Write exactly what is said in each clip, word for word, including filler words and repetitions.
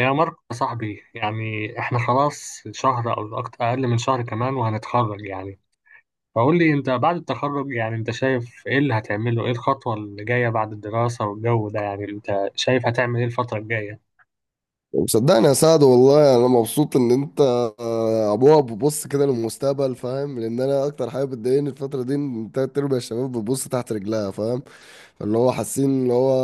يا ماركو يا صاحبي، يعني احنا خلاص شهر او اكتر، اقل من شهر كمان وهنتخرج. يعني فقول لي انت بعد التخرج، يعني انت شايف ايه اللي هتعمله؟ ايه الخطوة اللي جاية بعد الدراسة والجو ده؟ يعني انت شايف هتعمل ايه الفترة الجاية؟ وصدقني يا سعد، والله انا مبسوط ان انت آه، ابوها بتبص كده للمستقبل، فاهم؟ لان انا اكتر حاجه بتضايقني الفتره دي ان تلات ارباع الشباب بتبص تحت رجلها، فاهم؟ فاللي هو حاسين اللي هو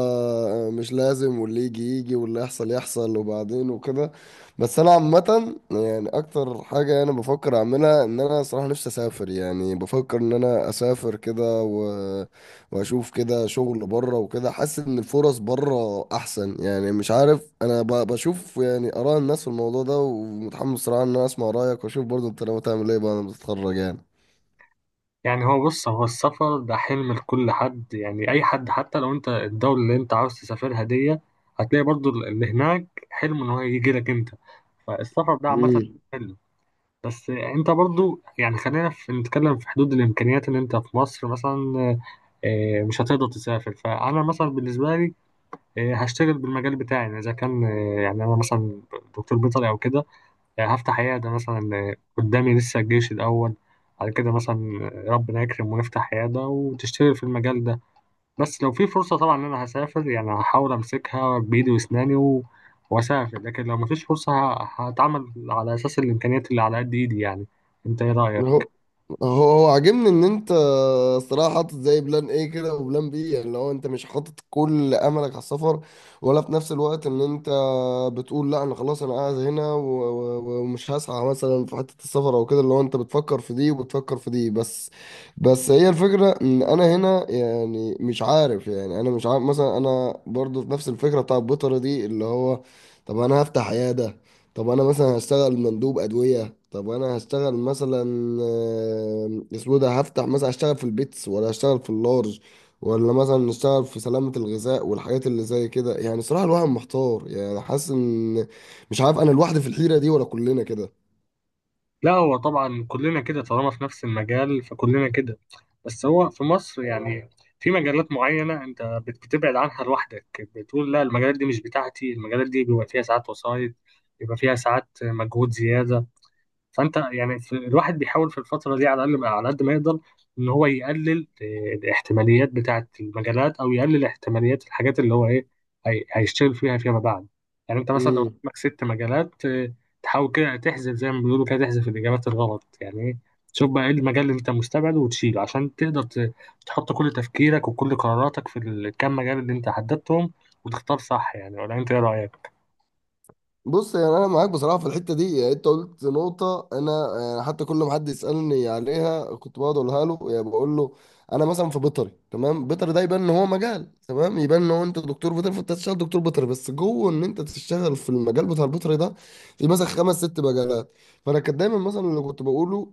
مش لازم، واللي يجي يجي واللي يحصل يحصل، وبعدين وكده. بس انا عامة، يعني اكتر حاجة انا بفكر اعملها ان انا صراحة نفسي اسافر. يعني بفكر ان انا اسافر كده و... واشوف كده شغل بره وكده، حاسس ان الفرص بره احسن. يعني مش عارف، انا ب... بشوف يعني اراء الناس في الموضوع ده، ومتحمس صراحة ان انا اسمع رأيك واشوف برضه انت لو تعمل ايه بعد ما تتخرج. يعني هو، بص، هو السفر ده حلم لكل حد، يعني اي حد، حتى لو انت الدولة اللي انت عاوز تسافرها دي هتلاقي برضو اللي هناك حلم ان هو يجي لك انت. فالسفر ده عامة يعني حلم. بس انت برضو يعني خلينا في نتكلم في حدود الامكانيات اللي انت في مصر مثلا. آه، مش هتقدر تسافر. فانا مثلا بالنسبه لي آه، هشتغل بالمجال بتاعي، يعني اذا كان، آه، يعني انا مثلا دكتور بيطري او كده، آه، هفتح عياده مثلا. آه، قدامي لسه الجيش الاول على كده مثلا. آه، ربنا يكرم ونفتح عياده وتشتغل في المجال ده. بس لو في فرصة طبعا إن أنا هسافر، يعني هحاول أمسكها بإيدي وأسناني و... وأسافر. لكن لو مفيش فرصة ه... هتعامل على أساس الإمكانيات اللي على قد إيدي، يعني أنت إيه هو رأيك؟ هو هو عاجبني ان انت الصراحه حاطط زي بلان ايه كده، وبلان بي. يعني لو انت مش حاطط كل املك على السفر، ولا في نفس الوقت ان انت بتقول لا انا خلاص، انا قاعد هنا و- و- ومش هسعى مثلا في حته السفر او كده، اللي هو انت بتفكر في دي وبتفكر في دي بس بس هي الفكره ان انا هنا، يعني مش عارف. يعني انا مش عارف مثلا، انا برضو في نفس الفكره بتاع البيطره دي، اللي هو طب انا هفتح عياده؟ طب انا مثلا هشتغل مندوب ادويه؟ طب انا هشتغل مثلا آه، اسمه ده، هفتح مثلا، هشتغل في البيتس ولا هشتغل في اللارج، ولا مثلا اشتغل في سلامه الغذاء والحاجات اللي زي كده؟ يعني صراحه الواحد محتار، يعني حاسس ان مش عارف، انا لوحدي في الحيره دي ولا كلنا لا هو طبعا كلنا كده، طالما في نفس المجال فكلنا كده. بس هو في مصر يعني في مجالات معينة أنت بت- بتبعد عنها لوحدك، بتقول لا المجالات دي مش بتاعتي. المجالات دي بيبقى فيها ساعات وسايط، بيبقى فيها ساعات مجهود زيادة. فانت يعني في الواحد بيحاول في الفتره دي على الاقل على قد ما يقدر ان هو يقلل آه، الاحتماليات بتاعه المجالات، او يقلل احتماليات الحاجات اللي هو ايه هي- هيشتغل فيها فيما بعد. يعني انت مثلا لو كده؟ قدامك ست مجالات، آه، تحاول كده تحذف زي ما بيقولوا، كده تحذف الاجابات الغلط، يعني ايه، تشوف بقى ايه المجال اللي انت مستبعده وتشيله عشان تقدر ت- تحط كل تفكيرك وكل قراراتك في الكام مجال اللي انت حددتهم وتختار صح، يعني ولا انت ايه رايك؟ بص، يعني انا معاك بصراحه في الحته دي. يعني انت قلت نقطه، انا يعني حتى كل ما حد يسالني عليها كنت بقعد اقولها له. يعني بقول له انا مثلا في بيطري، تمام، بيطري ده يبان ان هو مجال، تمام، يبان ان هو انت دكتور بيطري فانت تشتغل دكتور بيطري، بس جوه ان انت تشتغل في المجال بتاع البيطري ده في مثلا خمس ست مجالات. فانا كان دايما مثلا اللي كنت بقوله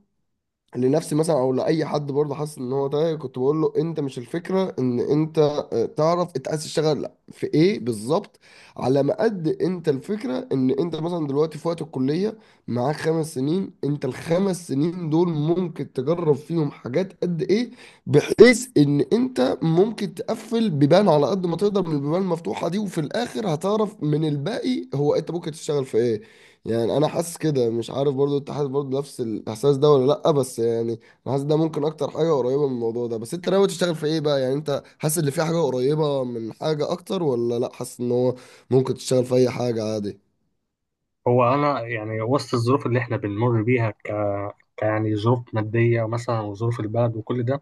لنفسي مثلا او لاي حد برضه حاسس ان هو تايه، كنت بقول له انت مش الفكره ان انت آه، تعرف انت عايز تشتغل في ايه بالظبط. على ما قد انت، الفكره ان انت مثلا دلوقتي في وقت الكليه معاك خمس سنين، انت الخمس سنين دول ممكن تجرب فيهم حاجات قد ايه، بحيث ان انت ممكن تقفل بيبان على قد ما تقدر من البيبان المفتوحه دي، وفي الاخر هتعرف من الباقي هو انت ممكن تشتغل في ايه. يعني انا حاسس كده، مش عارف برضو انت حاسس برضو نفس الاحساس ده ولا لا؟ بس يعني انا حاسس ده ممكن اكتر حاجه قريبه من الموضوع ده. بس انت ناوي تشتغل في ايه بقى؟ يعني انت حاسس ان في حاجه قريبه من حاجه اكتر، ولا لا، حاسس ان هو ممكن تشتغل في اي حاجه؟ هو انا يعني وسط الظروف اللي احنا بنمر بيها، ك... ك يعني ظروف ماديه مثلا، وظروف البلد وكل ده،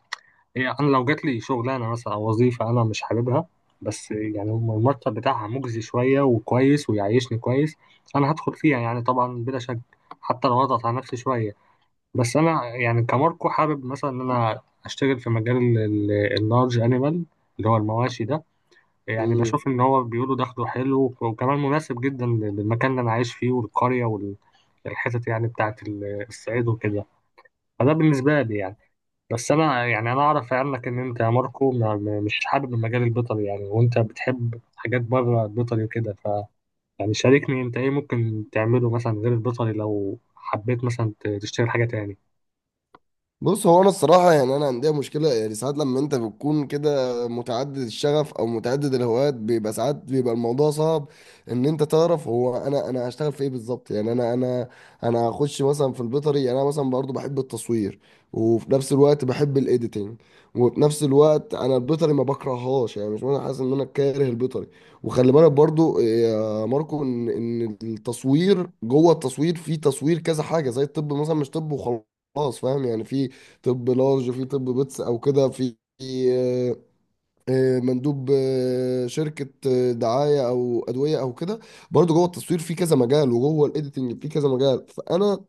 إيه، انا لو جات لي شغلانه مثلا او وظيفه انا مش حاببها، بس يعني المرتب بتاعها مجزي شويه وكويس ويعيشني كويس، انا هدخل فيها يعني، طبعا بلا شك، حتى لو اضغط على نفسي شويه. بس انا يعني كماركو حابب مثلا ان انا اشتغل في مجال اللارج انيمال، اللي هو المواشي ده. يعني عادي. بشوف إن هو بيقولوا دخله حلو وكمان مناسب جدا للمكان اللي أنا عايش فيه والقرية والحتت، يعني بتاعة ال- الصعيد وكده. فده بالنسبة لي يعني. بس أنا يعني أنا أعرف عنك إن أنت يا ماركو ما- ما- مش حابب المجال البيطري يعني، وأنت بتحب حاجات بره البيطري وكده، ف يعني شاركني أنت إيه ممكن تعمله مثلا غير البيطري لو حبيت مثلا ت- تشتغل حاجة تاني؟ بص، هو انا الصراحه يعني انا عندي مشكله. يعني ساعات لما انت بتكون كده متعدد الشغف او متعدد الهوايات بيبقى ساعات بيبقى الموضوع صعب ان انت تعرف، هو انا انا هشتغل في ايه بالظبط. يعني انا انا انا هخش مثلا في البيطري، يعني انا مثلا برضو بحب التصوير، وفي نفس الوقت بحب الايديتنج، وفي نفس الوقت انا البيطري ما بكرههاش، يعني مش انا حاسس ان انا كاره البيطري. وخلي بالك برضو يا ماركو ان ان التصوير جوه التصوير في تصوير كذا حاجه، زي الطب مثلا مش طب وخلاص. خلاص فاهم؟ يعني في طب لارج، في طب بيتس، او كده، في في، آه، آه، مندوب آه، شركة آه، دعاية أو أدوية أو كده. برضه جوه التصوير في كذا مجال، وجوه الإيديتنج في كذا مجال، فأنا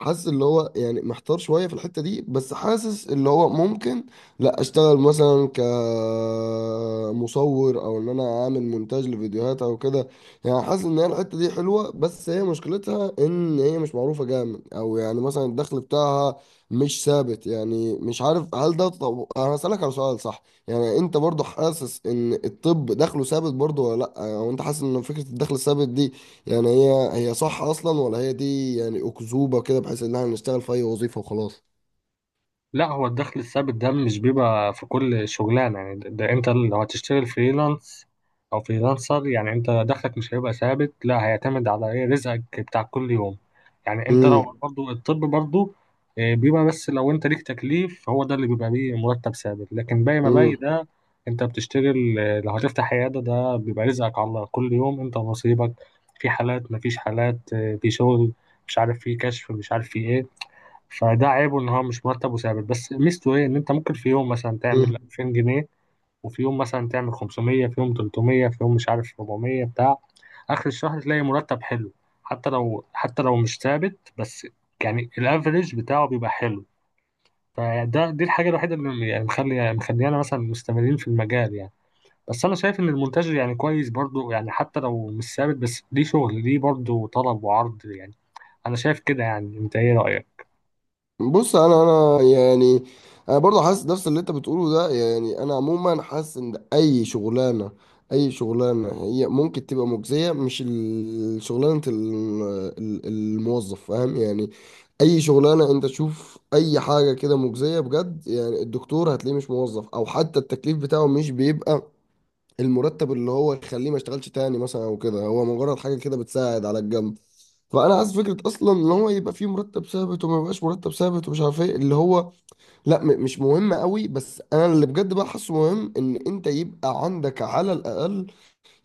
حاسس اللي هو يعني محتار شوية في الحتة دي. بس حاسس اللي هو ممكن لا، اشتغل مثلا كمصور او ان انا اعمل مونتاج لفيديوهات او كده. يعني حاسس ان هي الحتة دي حلوة، بس هي مشكلتها ان هي مش معروفة جامد، او يعني مثلا الدخل بتاعها مش ثابت. يعني مش عارف هل ده. طب انا هسألك على سؤال، صح؟ يعني انت برضو حاسس ان الطب دخله ثابت برضو ولا لا، او انت حاسس ان فكرة الدخل الثابت دي يعني هي هي صح اصلا، ولا هي دي يعني اكذوبه كده بحيث ان احنا نشتغل في اي وظيفه وخلاص؟ لا هو الدخل الثابت ده مش بيبقى في كل شغلانة يعني. ده, ده انت لو هتشتغل فريلانس او فريلانسر يعني انت دخلك مش هيبقى ثابت، لا هيعتمد على ايه، رزقك بتاع كل يوم. يعني انت امم لو برضو الطب برضو، آه، بيبقى بس لو انت ليك تكليف هو ده اللي بيبقى ليه مرتب ثابت، لكن باقي ما باقي امم ده انت بتشتغل. آه، لو هتفتح عيادة ده بيبقى رزقك على الله كل يوم، انت ونصيبك. في حالات مفيش حالات، آه، في شغل مش عارف، في كشف مش عارف في ايه. فده عيبه ان هو مش مرتب وثابت، بس ميزته ايه، ان انت ممكن في يوم مثلا تعمل امم ألفين جنيه، وفي يوم مثلا تعمل خمسمية، في يوم تلتمية، في يوم مش عارف أربعمية. بتاع اخر الشهر تلاقي مرتب حلو، حتى لو حتى لو مش ثابت، بس يعني الافريج بتاعه بيبقى حلو. فده دي الحاجه الوحيده اللي يعني مخلي مخليانا مثلا مستمرين في المجال يعني. بس انا شايف ان المونتاج يعني كويس برضو، يعني حتى لو مش ثابت بس ليه شغل، ليه برضو طلب وعرض يعني. انا شايف كده يعني، انت ايه رايك؟ بص، انا انا يعني انا برضه حاسس نفس اللي انت بتقوله ده. يعني انا عموما حاسس ان اي شغلانه، اي شغلانه هي ممكن تبقى مجزيه، مش ال- شغلانه ال- ال- الموظف فاهم يعني؟ اي شغلانه انت تشوف اي حاجه كده مجزيه بجد، يعني الدكتور هتلاقيه مش موظف، او حتى التكليف بتاعه مش بيبقى المرتب اللي هو يخليه ما يشتغلش تاني مثلا او كده، هو مجرد حاجه كده بتساعد على الجنب. فانا عايز فكره اصلا ان هو يبقى فيه مرتب ثابت وما يبقاش مرتب ثابت ومش عارف ايه اللي هو، لا م- مش مهم قوي. بس انا اللي بجد بقى حاسه مهم ان انت يبقى عندك على الاقل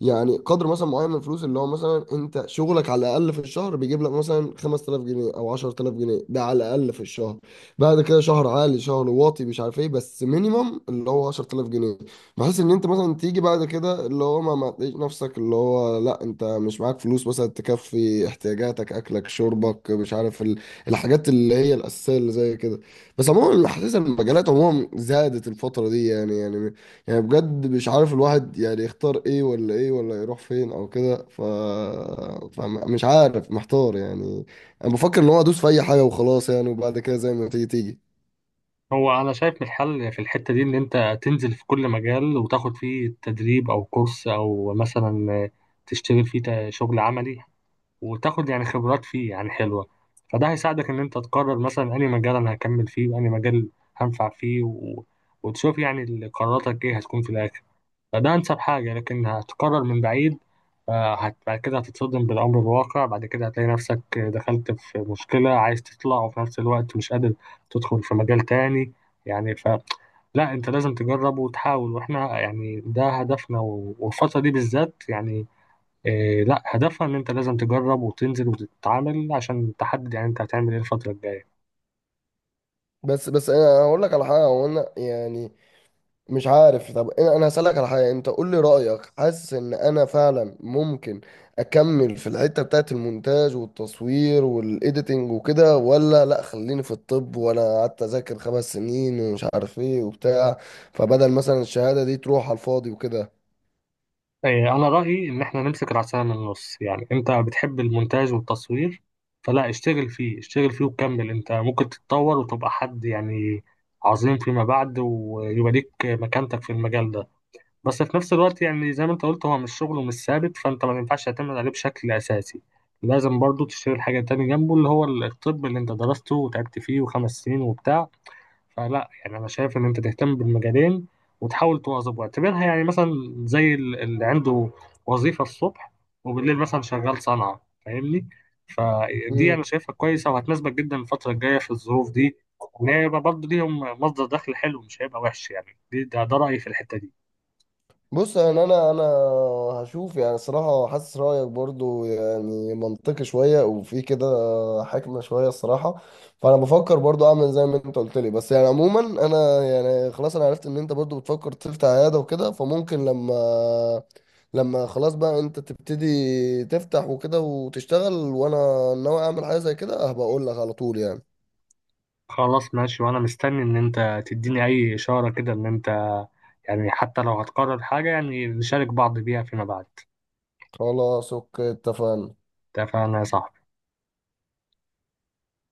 يعني قدر مثلا معين من الفلوس، اللي هو مثلا انت شغلك على الاقل في الشهر بيجيب لك مثلا خمس تلاف جنيه او عشر تلاف جنيه، ده على الاقل في الشهر. بعد كده شهر عالي شهر واطي مش عارف ايه، بس مينيمم اللي هو عشر تلاف جنيه، بحيث ان انت مثلا تيجي بعد كده اللي هو ما ما تلاقيش نفسك، اللي هو لا انت مش معاك فلوس مثلا تكفي احتياجاتك، اكلك شربك، مش عارف ال- الحاجات اللي هي الاساسيه اللي زي كده. بس عموما حاسس ان المجالات عموما زادت الفتره دي، يعني يعني يعني بجد مش عارف الواحد يعني يختار ايه ولا ايه، ولا يروح فين او كده ف... فمش عارف، محتار يعني. انا بفكر ان هو ادوس في اي حاجه وخلاص يعني، وبعد كده زي ما تيجي تيجي. هو انا شايف الحل في الحته دي ان انت تنزل في كل مجال وتاخد فيه تدريب او كورس، او مثلا تشتغل فيه تا- شغل عملي وتاخد يعني خبرات فيه يعني حلوه. فده هيساعدك ان انت تقرر مثلا انهي مجال انا هكمل فيه وانهي مجال هنفع فيه و... وتشوف يعني ال- قراراتك ايه هتكون في الاخر. فده أنسب حاجة. لكن هتقرر من بعيد، آه، هت- بعد كده هتتصدم بالأمر الواقع، بعد كده هتلاقي نفسك دخلت في مشكلة عايز تطلع وفي نفس الوقت مش قادر تدخل في مجال تاني يعني. ف لا أنت لازم تجرب وتحاول، وإحنا يعني ده هدفنا، و- والفترة دي بالذات يعني آه، لا هدفها إن أنت لازم تجرب وتنزل وتتعامل عشان تحدد يعني أنت هتعمل إيه الفترة الجاية. بس بس انا هقول لك على حاجه، هو انا يعني مش عارف. طب انا أنا هسألك على حاجة، انت قول لي رأيك، حاسس ان انا فعلا ممكن اكمل في الحتة بتاعت المونتاج والتصوير والايديتنج وكده، ولا لا خليني في الطب، وانا قعدت اذاكر خمس سنين ومش عارف ايه وبتاع، فبدل مثلا الشهادة دي تروح على الفاضي إيه، أنا رأيي إن إحنا نمسك العصاية من النص. يعني أنت بتحب المونتاج والتصوير، فلا اشتغل فيه اشتغل فيه وكمل. أنت ممكن تتطور وتبقى حد يعني عظيم فيما بعد ويبقى ليك مكانتك في المجال ده. بس في نفس الوقت يعني زي ما أنت قلت هو مش شغله مش ثابت، فأنت ما ينفعش تعتمد عليه بشكل أساسي. لازم برضو تشتغل حاجة تاني جنبه، اللي هو الطب اللي أنت درسته وتعبت فيه وخمس سنين وبتاع. فلا يعني انا شايف ان انت تهتم بالمجالين وتحاول تواظب، واعتبرها يعني مثلا زي ال- اللي عنده وظيفة الصبح وبالليل مثلا شغال صنعة، فاهمني؟ فدي وكده. انا شايفها كويسة وهتناسبك جدا الفترة الجاية في الظروف دي. وان هي يبقى برضه ليهم مصدر دخل حلو، مش هيبقى وحش يعني. دي ده, ده رأيي في الحتة دي. بص، انا انا انا هشوف. يعني صراحة حاسس رأيك برضو يعني منطقي شوية وفي كده حكمة شوية الصراحة. فانا بفكر برضو اعمل زي ما انت قلت لي، بس يعني عموما انا يعني خلاص انا عرفت ان انت برضو بتفكر تفتح عيادة وكده، فممكن لما لما خلاص بقى انت تبتدي تفتح وكده وتشتغل، وانا ناوي اعمل حاجة زي كده هبقى اقول لك على طول يعني. خلاص ماشي، وانا مستني ان انت تديني اي اشارة كده ان انت يعني حتى لو هتقرر حاجة يعني نشارك بعض بيها فيما بعد. خلاص، اوكي، اتفقنا. اتفقنا يا صاحبي.